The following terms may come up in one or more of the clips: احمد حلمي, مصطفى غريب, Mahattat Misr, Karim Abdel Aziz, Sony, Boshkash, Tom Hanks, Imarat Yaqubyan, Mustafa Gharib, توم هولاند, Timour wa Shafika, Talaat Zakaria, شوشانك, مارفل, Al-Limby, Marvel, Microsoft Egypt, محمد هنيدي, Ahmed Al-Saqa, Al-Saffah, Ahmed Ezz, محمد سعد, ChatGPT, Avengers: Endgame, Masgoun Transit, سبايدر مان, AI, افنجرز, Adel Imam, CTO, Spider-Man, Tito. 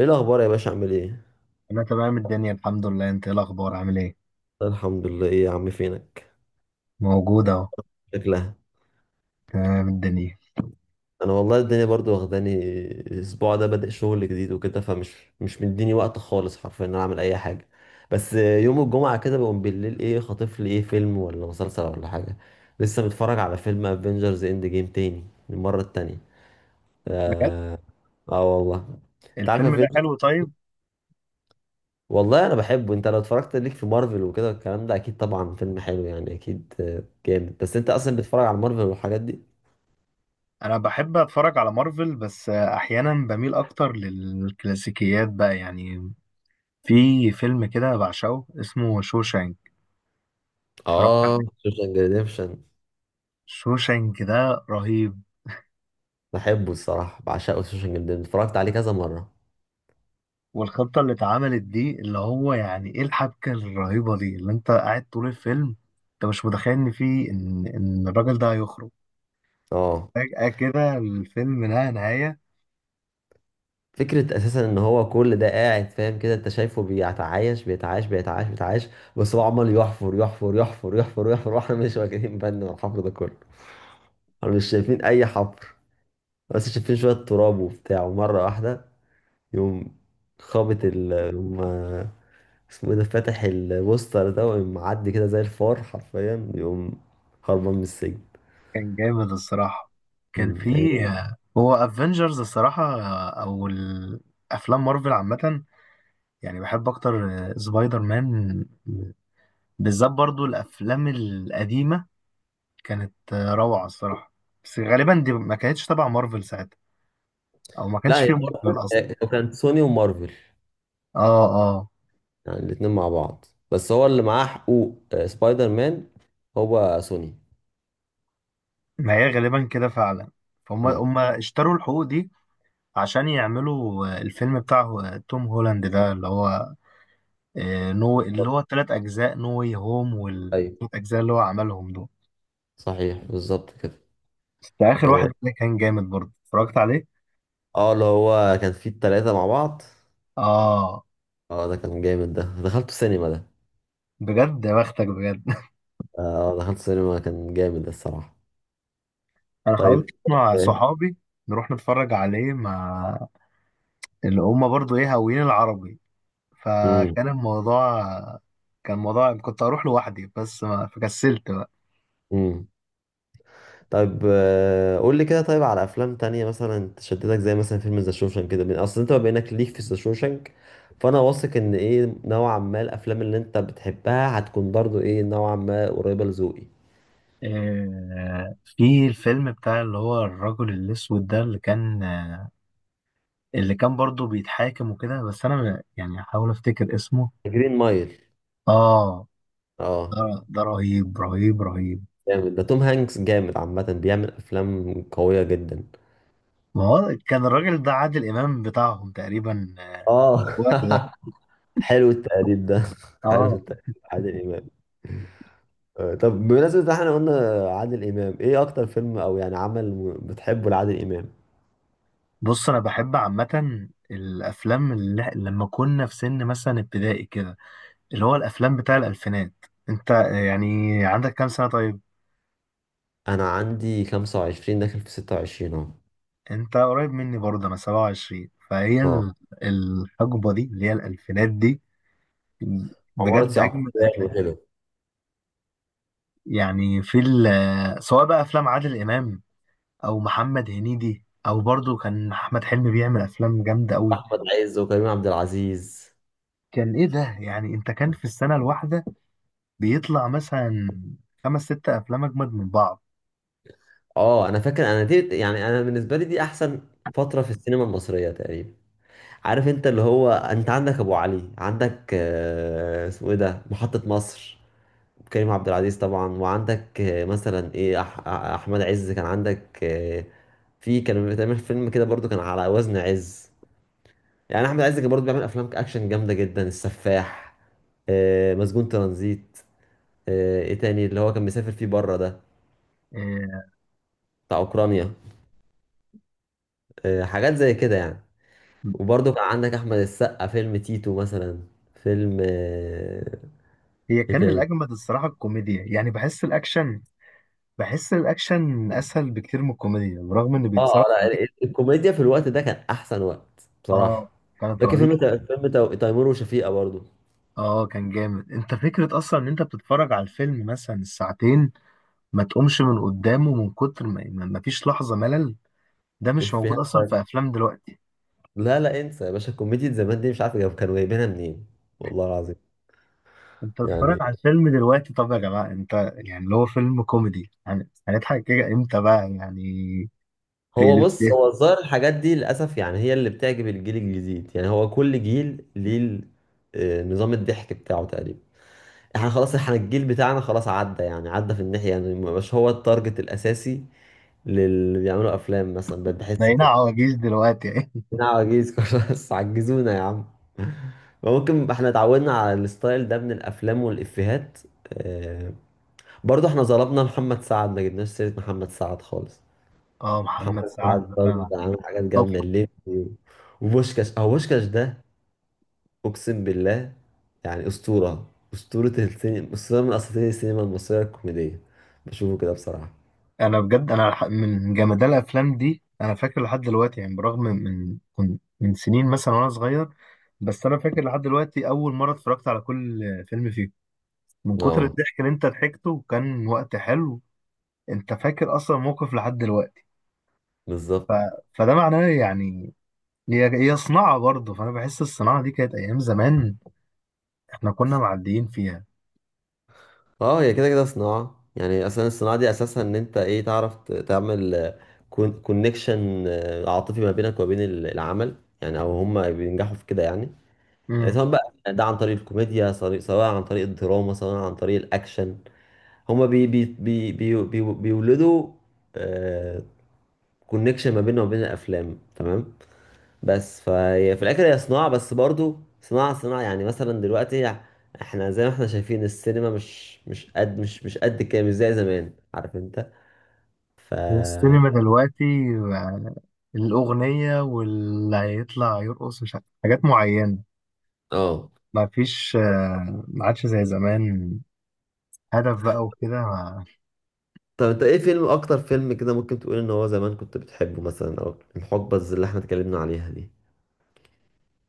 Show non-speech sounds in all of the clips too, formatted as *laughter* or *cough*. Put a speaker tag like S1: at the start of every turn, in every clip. S1: ايه الاخبار يا باشا عامل ايه؟
S2: انا تمام الدنيا الحمد لله. انت ايه الاخبار، عامل ايه؟
S1: الحمد لله. ايه يا عم، فينك؟
S2: موجود اهو.
S1: شكلها.
S2: تمام الدنيا.
S1: انا والله الدنيا برضو واخداني، الاسبوع ده بادئ شغل جديد وكده، فمش مش مديني وقت خالص، حرفيا ان انا اعمل اي حاجه. بس يوم الجمعه كده بقوم بالليل ايه خاطف لي ايه فيلم ولا مسلسل ولا حاجه. لسه متفرج على فيلم افنجرز اند جيم تاني، المره التانية.
S2: بجد؟
S1: اه, آه والله. انت عارف
S2: الفيلم ده
S1: افنجرز،
S2: حلو طيب.
S1: والله انا بحبه. انت لو اتفرجت ليك في مارفل وكده الكلام ده اكيد طبعا فيلم حلو، يعني اكيد جامد. بس انت اصلا بتتفرج على مارفل والحاجات دي؟
S2: انا بحب اتفرج على مارفل، بس احيانا بميل اكتر للكلاسيكيات بقى يعني. في فيلم كده بعشقه اسمه شوشانك. اتفرجت
S1: اه،
S2: عليه.
S1: سوشن ريديمشن.
S2: شوشانك ده رهيب.
S1: بحبه الصراحه، بعشقه سوشن ريديمشن، اتفرجت عليه كذا مره.
S2: والخطة اللي اتعملت دي، اللي هو يعني ايه الحبكة الرهيبة دي اللي انت قاعد طول الفيلم. انت مش متخيل ان في ان الراجل ده هيخرج
S1: اه،
S2: فجأة كده. الفيلم نهاية.
S1: فكره اساسا ان هو كل ده قاعد فاهم كده. انت شايفه بيتعايش، بس هو عمال يحفر *laughs* واحنا مش واخدين بالنا من الحفر ده كله، احنا مش شايفين اي حفر، بس شايفين شويه تراب وبتاع. ومره واحده يقوم خابط. يقوم اسمه ايه ده، فاتح البوستر ده، ويقوم معدي كده زي الفار، حرفيا يقوم هربان من السجن.
S2: كان جامد الصراحة. كان
S1: يعني
S2: في. هو افنجرز الصراحة، او الافلام مارفل عامة، يعني بحب اكتر سبايدر مان بالذات. برضو الافلام القديمة كانت روعة الصراحة. بس غالبا دي ما كانتش تبع مارفل ساعتها، او ما
S1: لا،
S2: كانش
S1: هي
S2: فيه مارفل
S1: مارفل.
S2: اصلا.
S1: لو كانت سوني ومارفل،
S2: اه، اه.
S1: يعني الاتنين مع بعض. بس هو اللي معاه حقوق سبايدر مان هو سوني.
S2: ما هي غالبا كده فعلا. فهم
S1: مم.
S2: هم اشتروا الحقوق دي عشان يعملوا الفيلم بتاع توم هولاند ده، اللي هو نو، اللي
S1: بالظبط.
S2: هو التلات أجزاء نو واي هوم،
S1: ايوه،
S2: والتلات أجزاء اللي هو عملهم دول.
S1: صحيح، بالظبط كده.
S2: بس آخر واحد
S1: اه،
S2: ده كان جامد برضه، اتفرجت عليه.
S1: اللي هو كان فيه التلاتة مع بعض.
S2: آه،
S1: اه، ده كان جامد ده، دخلت سينما ده.
S2: بجد؟ يا بختك بجد.
S1: اه، دخلت سينما كان جامد الصراحة.
S2: *laughs* أنا حاولت
S1: طيب.
S2: مع صحابي نروح نتفرج عليه مع اللي هما برضه هاويين العربي.
S1: امم
S2: فكان الموضوع كان الموضوع كنت أروح لوحدي، بس ما فكسلت بقى.
S1: طيب، قول لي كده، طيب على افلام تانية مثلا تشددك، زي مثلا فيلم ذا شوشانك كده. من اصل انت بما انك ليك في ذا شوشانك فانا واثق ان ايه، نوعا ما الافلام اللي انت بتحبها هتكون برضو ايه نوعا ما قريبة لذوقي.
S2: في الفيلم بتاع اللي هو الرجل الأسود ده، اللي كان برضه بيتحاكم وكده، بس أنا يعني أحاول أفتكر اسمه.
S1: جرين مايل.
S2: اه، ده.
S1: اه،
S2: ده رهيب رهيب رهيب.
S1: جامد ده، توم هانكس جامد عامة، بيعمل افلام قوية جدا.
S2: ما هو كان الراجل ده عادل امام بتاعهم تقريبا.
S1: اه
S2: الوقت
S1: *laughs*
S2: ده.
S1: حلو التقليد ده *laughs* حلو
S2: اه،
S1: التقليد. عادل امام. طب بمناسبة إن احنا قلنا عادل امام، ايه اكتر فيلم او يعني عمل بتحبه لعادل امام؟
S2: بص انا بحب عامه الافلام اللي لما كنا في سن مثلا ابتدائي كده، اللي هو الافلام بتاع الالفينات. انت يعني عندك كام سنه طيب؟
S1: انا عندي 25 داخل في 26 اهو.
S2: انت قريب مني برضه، انا 27،
S1: اه،
S2: الحقبه دي اللي هي الالفينات دي
S1: عمارة
S2: بجد اجمل
S1: يعقوبيان
S2: افلام.
S1: وكده.
S2: يعني في ال- آه، سواء بقى افلام عادل امام او محمد هنيدي، او برضو كان احمد حلمي بيعمل افلام جامده قوي.
S1: احمد عز وكريم عبد العزيز.
S2: كان ايه ده يعني، انت كان في السنه الواحده بيطلع مثلا خمس ست افلام اجمد من بعض.
S1: اه، انا فاكر انا دي، يعني انا بالنسبه لي دي احسن فتره في السينما المصريه تقريبا. عارف انت، اللي هو انت عندك ابو علي، عندك اسمه ايه ده، محطه مصر، كريم عبد العزيز طبعا. وعندك مثلا ايه، احمد عز كان. عندك في كان بيتعمل فيلم كده برضو كان على وزن عز، يعني احمد عز كان برضه بيعمل افلام اكشن جامده جدا، السفاح، مسجون ترانزيت، ايه تاني اللي هو كان مسافر فيه بره ده،
S2: إيه،
S1: بتاع اوكرانيا، حاجات زي كده يعني. وبرضه كان عندك احمد السقا، فيلم تيتو مثلا، فيلم
S2: هي
S1: ايه
S2: كان
S1: تاني.
S2: الاجمد الصراحه الكوميديا يعني. بحس الاكشن اسهل بكتير من الكوميديا برغم ان
S1: اه،
S2: بيتصرف
S1: لا،
S2: عليه.
S1: الكوميديا في الوقت ده كان احسن وقت بصراحه.
S2: اه، كانت
S1: فاكر
S2: رهيبه.
S1: فيلم فيلم تيمور وشفيقه برضه.
S2: اه، كان جامد. انت فكره اصلا ان انت بتتفرج على الفيلم مثلا الساعتين ما تقومش من قدامه، من كتر ما فيش لحظه ملل. ده مش موجود
S1: افيهات
S2: اصلا في
S1: بس.
S2: افلام دلوقتي.
S1: لا انسى يا باشا، كوميديا زمان دي مش عارف كانوا جايبينها منين، والله العظيم.
S2: انت
S1: يعني
S2: بتتفرج على الفيلم دلوقتي، طب يا جماعه انت يعني اللي هو فيلم كوميدي، هنضحك كده امتى بقى يعني؟ في
S1: هو
S2: قلب
S1: بص،
S2: ايه.
S1: هو الظاهر الحاجات دي للأسف يعني هي اللي بتعجب الجيل الجديد. يعني هو كل جيل ليه نظام الضحك بتاعه تقريبا. احنا خلاص، احنا الجيل بتاعنا خلاص عدى، يعني عدى في الناحية، يعني ما بقاش هو التارجت الأساسي للي بيعملوا أفلام مثلا، بقيت بحس
S2: بقينا
S1: كده.
S2: عواجيز دلوقتي *laughs* يعني.
S1: احنا عواجيز *laughs* خلاص، عجزونا يا عم. ممكن احنا اتعودنا على الستايل ده من الأفلام والإفيهات. آه، برضه احنا ظلمنا محمد سعد، ما جبناش سيرة محمد سعد خالص.
S2: اه، محمد
S1: محمد سعد
S2: سعد
S1: برضه
S2: انا.
S1: ده عامل حاجات
S2: طب
S1: جامدة، الليمبي و، وبوشكاش، أو بوشكاش ده أقسم بالله، يعني أسطورة، أسطورة السينما، أسطورة من أساطير السينما المصرية الكوميدية، بشوفه كده بصراحة.
S2: انا بجد، انا من جمدان الافلام دي انا فاكر لحد دلوقتي، يعني برغم من سنين مثلا وانا صغير، بس انا فاكر لحد دلوقتي اول مره اتفرجت على كل فيلم فيه، من كتر
S1: اه،
S2: الضحك اللي انت ضحكته وكان وقت حلو. انت فاكر اصلا موقف لحد دلوقتي.
S1: بالظبط.
S2: ف... فده معناه يعني. هي هي صناعة برضه، فأنا بحس الصناعة دي كانت أيام زمان إحنا كنا معديين فيها.
S1: اه، هي كده كده صناعة، يعني أصلا الصناعة دي أساسها إن أنت إيه، تعرف تعمل كونكشن عاطفي ما بينك وبين العمل، يعني أو هما بينجحوا في كده يعني.
S2: امم
S1: سواء بقى ده عن طريق الكوميديا، سواء عن طريق الدراما، سواء عن طريق الأكشن، هما بي بي بي بي بي بيولدوا آه كونكشن ما بيننا وبين الافلام، تمام. بس فهي في الاخر هي صناعه، بس برضو صناعه. يعني مثلا دلوقتي احنا زي ما احنا شايفين، السينما مش قد، مش قد كده، مش زي زمان، عارف انت؟
S2: السينما دلوقتي بقى الأغنية، واللي هيطلع يرقص مش عارف حاجات معينة.
S1: اه.
S2: ما فيش، ما عادش زي زمان هدف بقى وكده.
S1: طب انت ايه فيلم، اكتر فيلم كده ممكن تقول ان هو زمان كنت بتحبه، مثلا او الحقبه اللي احنا اتكلمنا عليها دي؟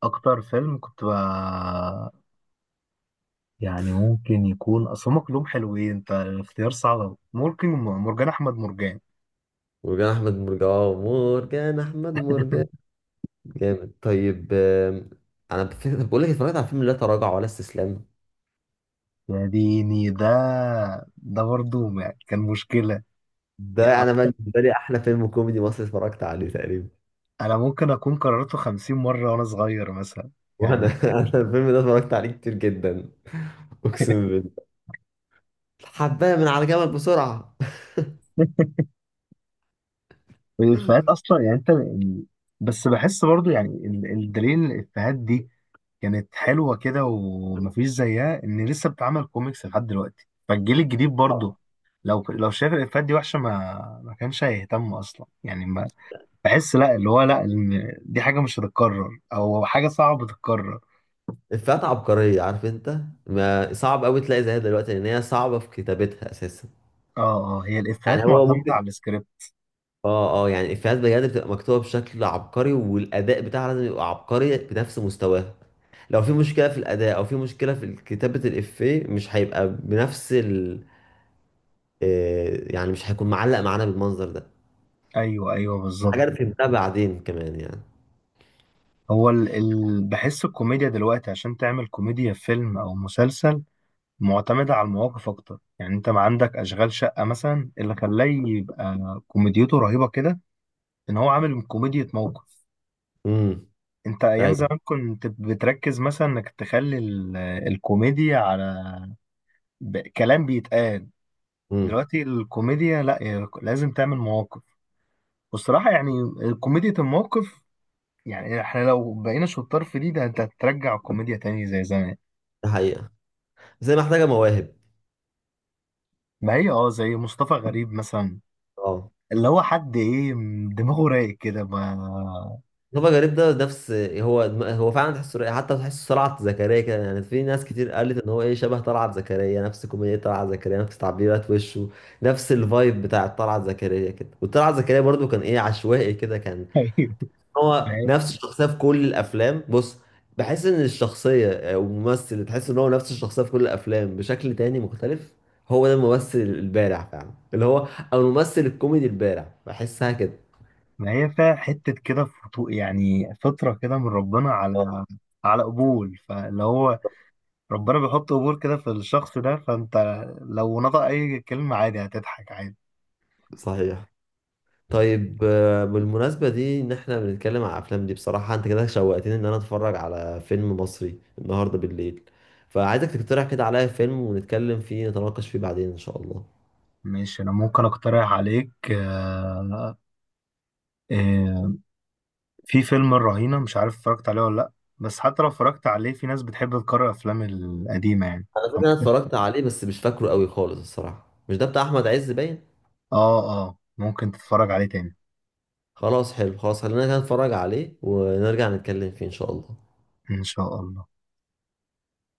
S2: أكتر فيلم كنت بقى، يعني ممكن يكون أصل هما كلهم حلوين، أنت الاختيار صعب أوي. ممكن مرجان أحمد مرجان.
S1: مرجان احمد مرجان، مرجان احمد مرجان، جامد. طيب انا بقول لك، اتفرجت على فيلم لا تراجع ولا استسلام.
S2: يا ديني ده. ده برضه يعني كان مشكلة.
S1: ده
S2: يعني
S1: انا بالنسبه لي احلى فيلم كوميدي مصري اتفرجت عليه تقريبا.
S2: انا ممكن اكون كررته 50 مره وانا صغير مثلا
S1: وانا
S2: يعني.
S1: *laughs* انا الفيلم ده اتفرجت عليه كتير جدا، اقسم بالله. حبايه من على جمل بسرعه.
S2: *laughs* الافيهات اصلا، يعني انت بس بحس برضو يعني الدليل إن الافيهات دي كانت حلوه كده ومفيش زيها، ان لسه بتعمل كوميكس لحد دلوقتي فالجيل الجديد برضو. لو شايف الافيهات دي وحشه، ما ما كانش هيهتم اصلا، يعني ما بحس لا، اللي هو لا إن دي حاجه مش هتتكرر او حاجه صعبه تتكرر.
S1: افيهات عبقريه، عارف انت، ما صعب قوي تلاقي زيها دلوقتي، لان هي صعبه في كتابتها اساسا.
S2: اه، اه، هي
S1: يعني
S2: الافيهات
S1: هو
S2: معتمده
S1: ممكن،
S2: على السكريبت.
S1: اه اه، يعني الافيهات بجد بتبقى مكتوبه بشكل عبقري، والاداء بتاعها لازم يبقى عبقري بنفس مستواها. لو في مشكله في الاداء، او في مشكله في كتابه الافيه، مش هيبقى بنفس ال يعني مش هيكون معلق معانا بالمنظر ده.
S2: ايوه، ايوه، بالظبط.
S1: حاجه انا فهمتها بعدين كمان يعني.
S2: هو بحس الكوميديا دلوقتي، عشان تعمل كوميديا في فيلم او مسلسل معتمدة على المواقف اكتر. يعني انت ما عندك اشغال شقة مثلا، اللي خلاه يبقى كوميديته رهيبة كده ان هو عامل كوميديا موقف.
S1: امم
S2: انت ايام
S1: ايوه.
S2: زمان كنت بتركز مثلا انك تخلي الكوميديا على كلام بيتقال.
S1: امم.
S2: دلوقتي الكوميديا لا، هي لازم تعمل مواقف. والصراحة يعني كوميديا الموقف، يعني احنا لو بقينا شطار في دي ده انت هترجع الكوميديا تاني زي زمان.
S1: ده حقيقه، بس هي محتاجه مواهب.
S2: ما هي اه، زي مصطفى غريب مثلا،
S1: اه.
S2: اللي هو حد ايه دماغه رايق كده ما.
S1: مصطفى غريب ده، نفس هو، هو فعلا تحس، حتى تحس طلعت زكريا كده، يعني في ناس كتير قالت ان هو ايه شبه طلعت زكريا، نفس كوميديا طلعت زكريا، نفس تعبيرات وشه، نفس الفايب بتاع طلعت زكريا كده. وطلعت زكريا برضو كان ايه، عشوائي كده، كان
S2: *laughs* ايوه، ما
S1: هو
S2: هي
S1: نفس الشخصيه في كل الافلام، بص. بحس ان الشخصيه او الممثل اللي تحس ان هو نفس الشخصيه في كل الافلام بشكل تاني مختلف، هو ده الممثل البارع فعلا اللي هو، او الممثل الكوميدي البارع، بحسها كده.
S2: ما هي فيها حتة كده يعني فطرة كده من ربنا
S1: آه،
S2: على قبول، فاللي هو ربنا بيحط قبول كده في الشخص ده، فانت لو نطق اي كلمة عادي هتضحك عادي.
S1: صحيح. طيب بالمناسبة دي ان احنا بنتكلم على الافلام دي، بصراحة انت كده شوقتني ان انا اتفرج على فيلم مصري النهاردة بالليل، فعايزك تقترح كده عليا فيلم ونتكلم فيه، نتناقش فيه بعدين ان شاء الله.
S2: ماشي، انا ممكن اقترح عليك. آه، في فيلم الرهينة، مش عارف اتفرجت عليه ولا لا، بس حتى لو اتفرجت عليه في ناس بتحب تكرر افلام القديمة يعني.
S1: انا فاكر انا اتفرجت عليه، بس مش فاكره قوي خالص الصراحة. مش ده بتاع احمد عز باين.
S2: اه، اه، ممكن تتفرج عليه تاني
S1: خلاص حلو، خلاص خلينا كده نتفرج عليه ونرجع نتكلم فيه ان شاء الله.
S2: ان شاء الله.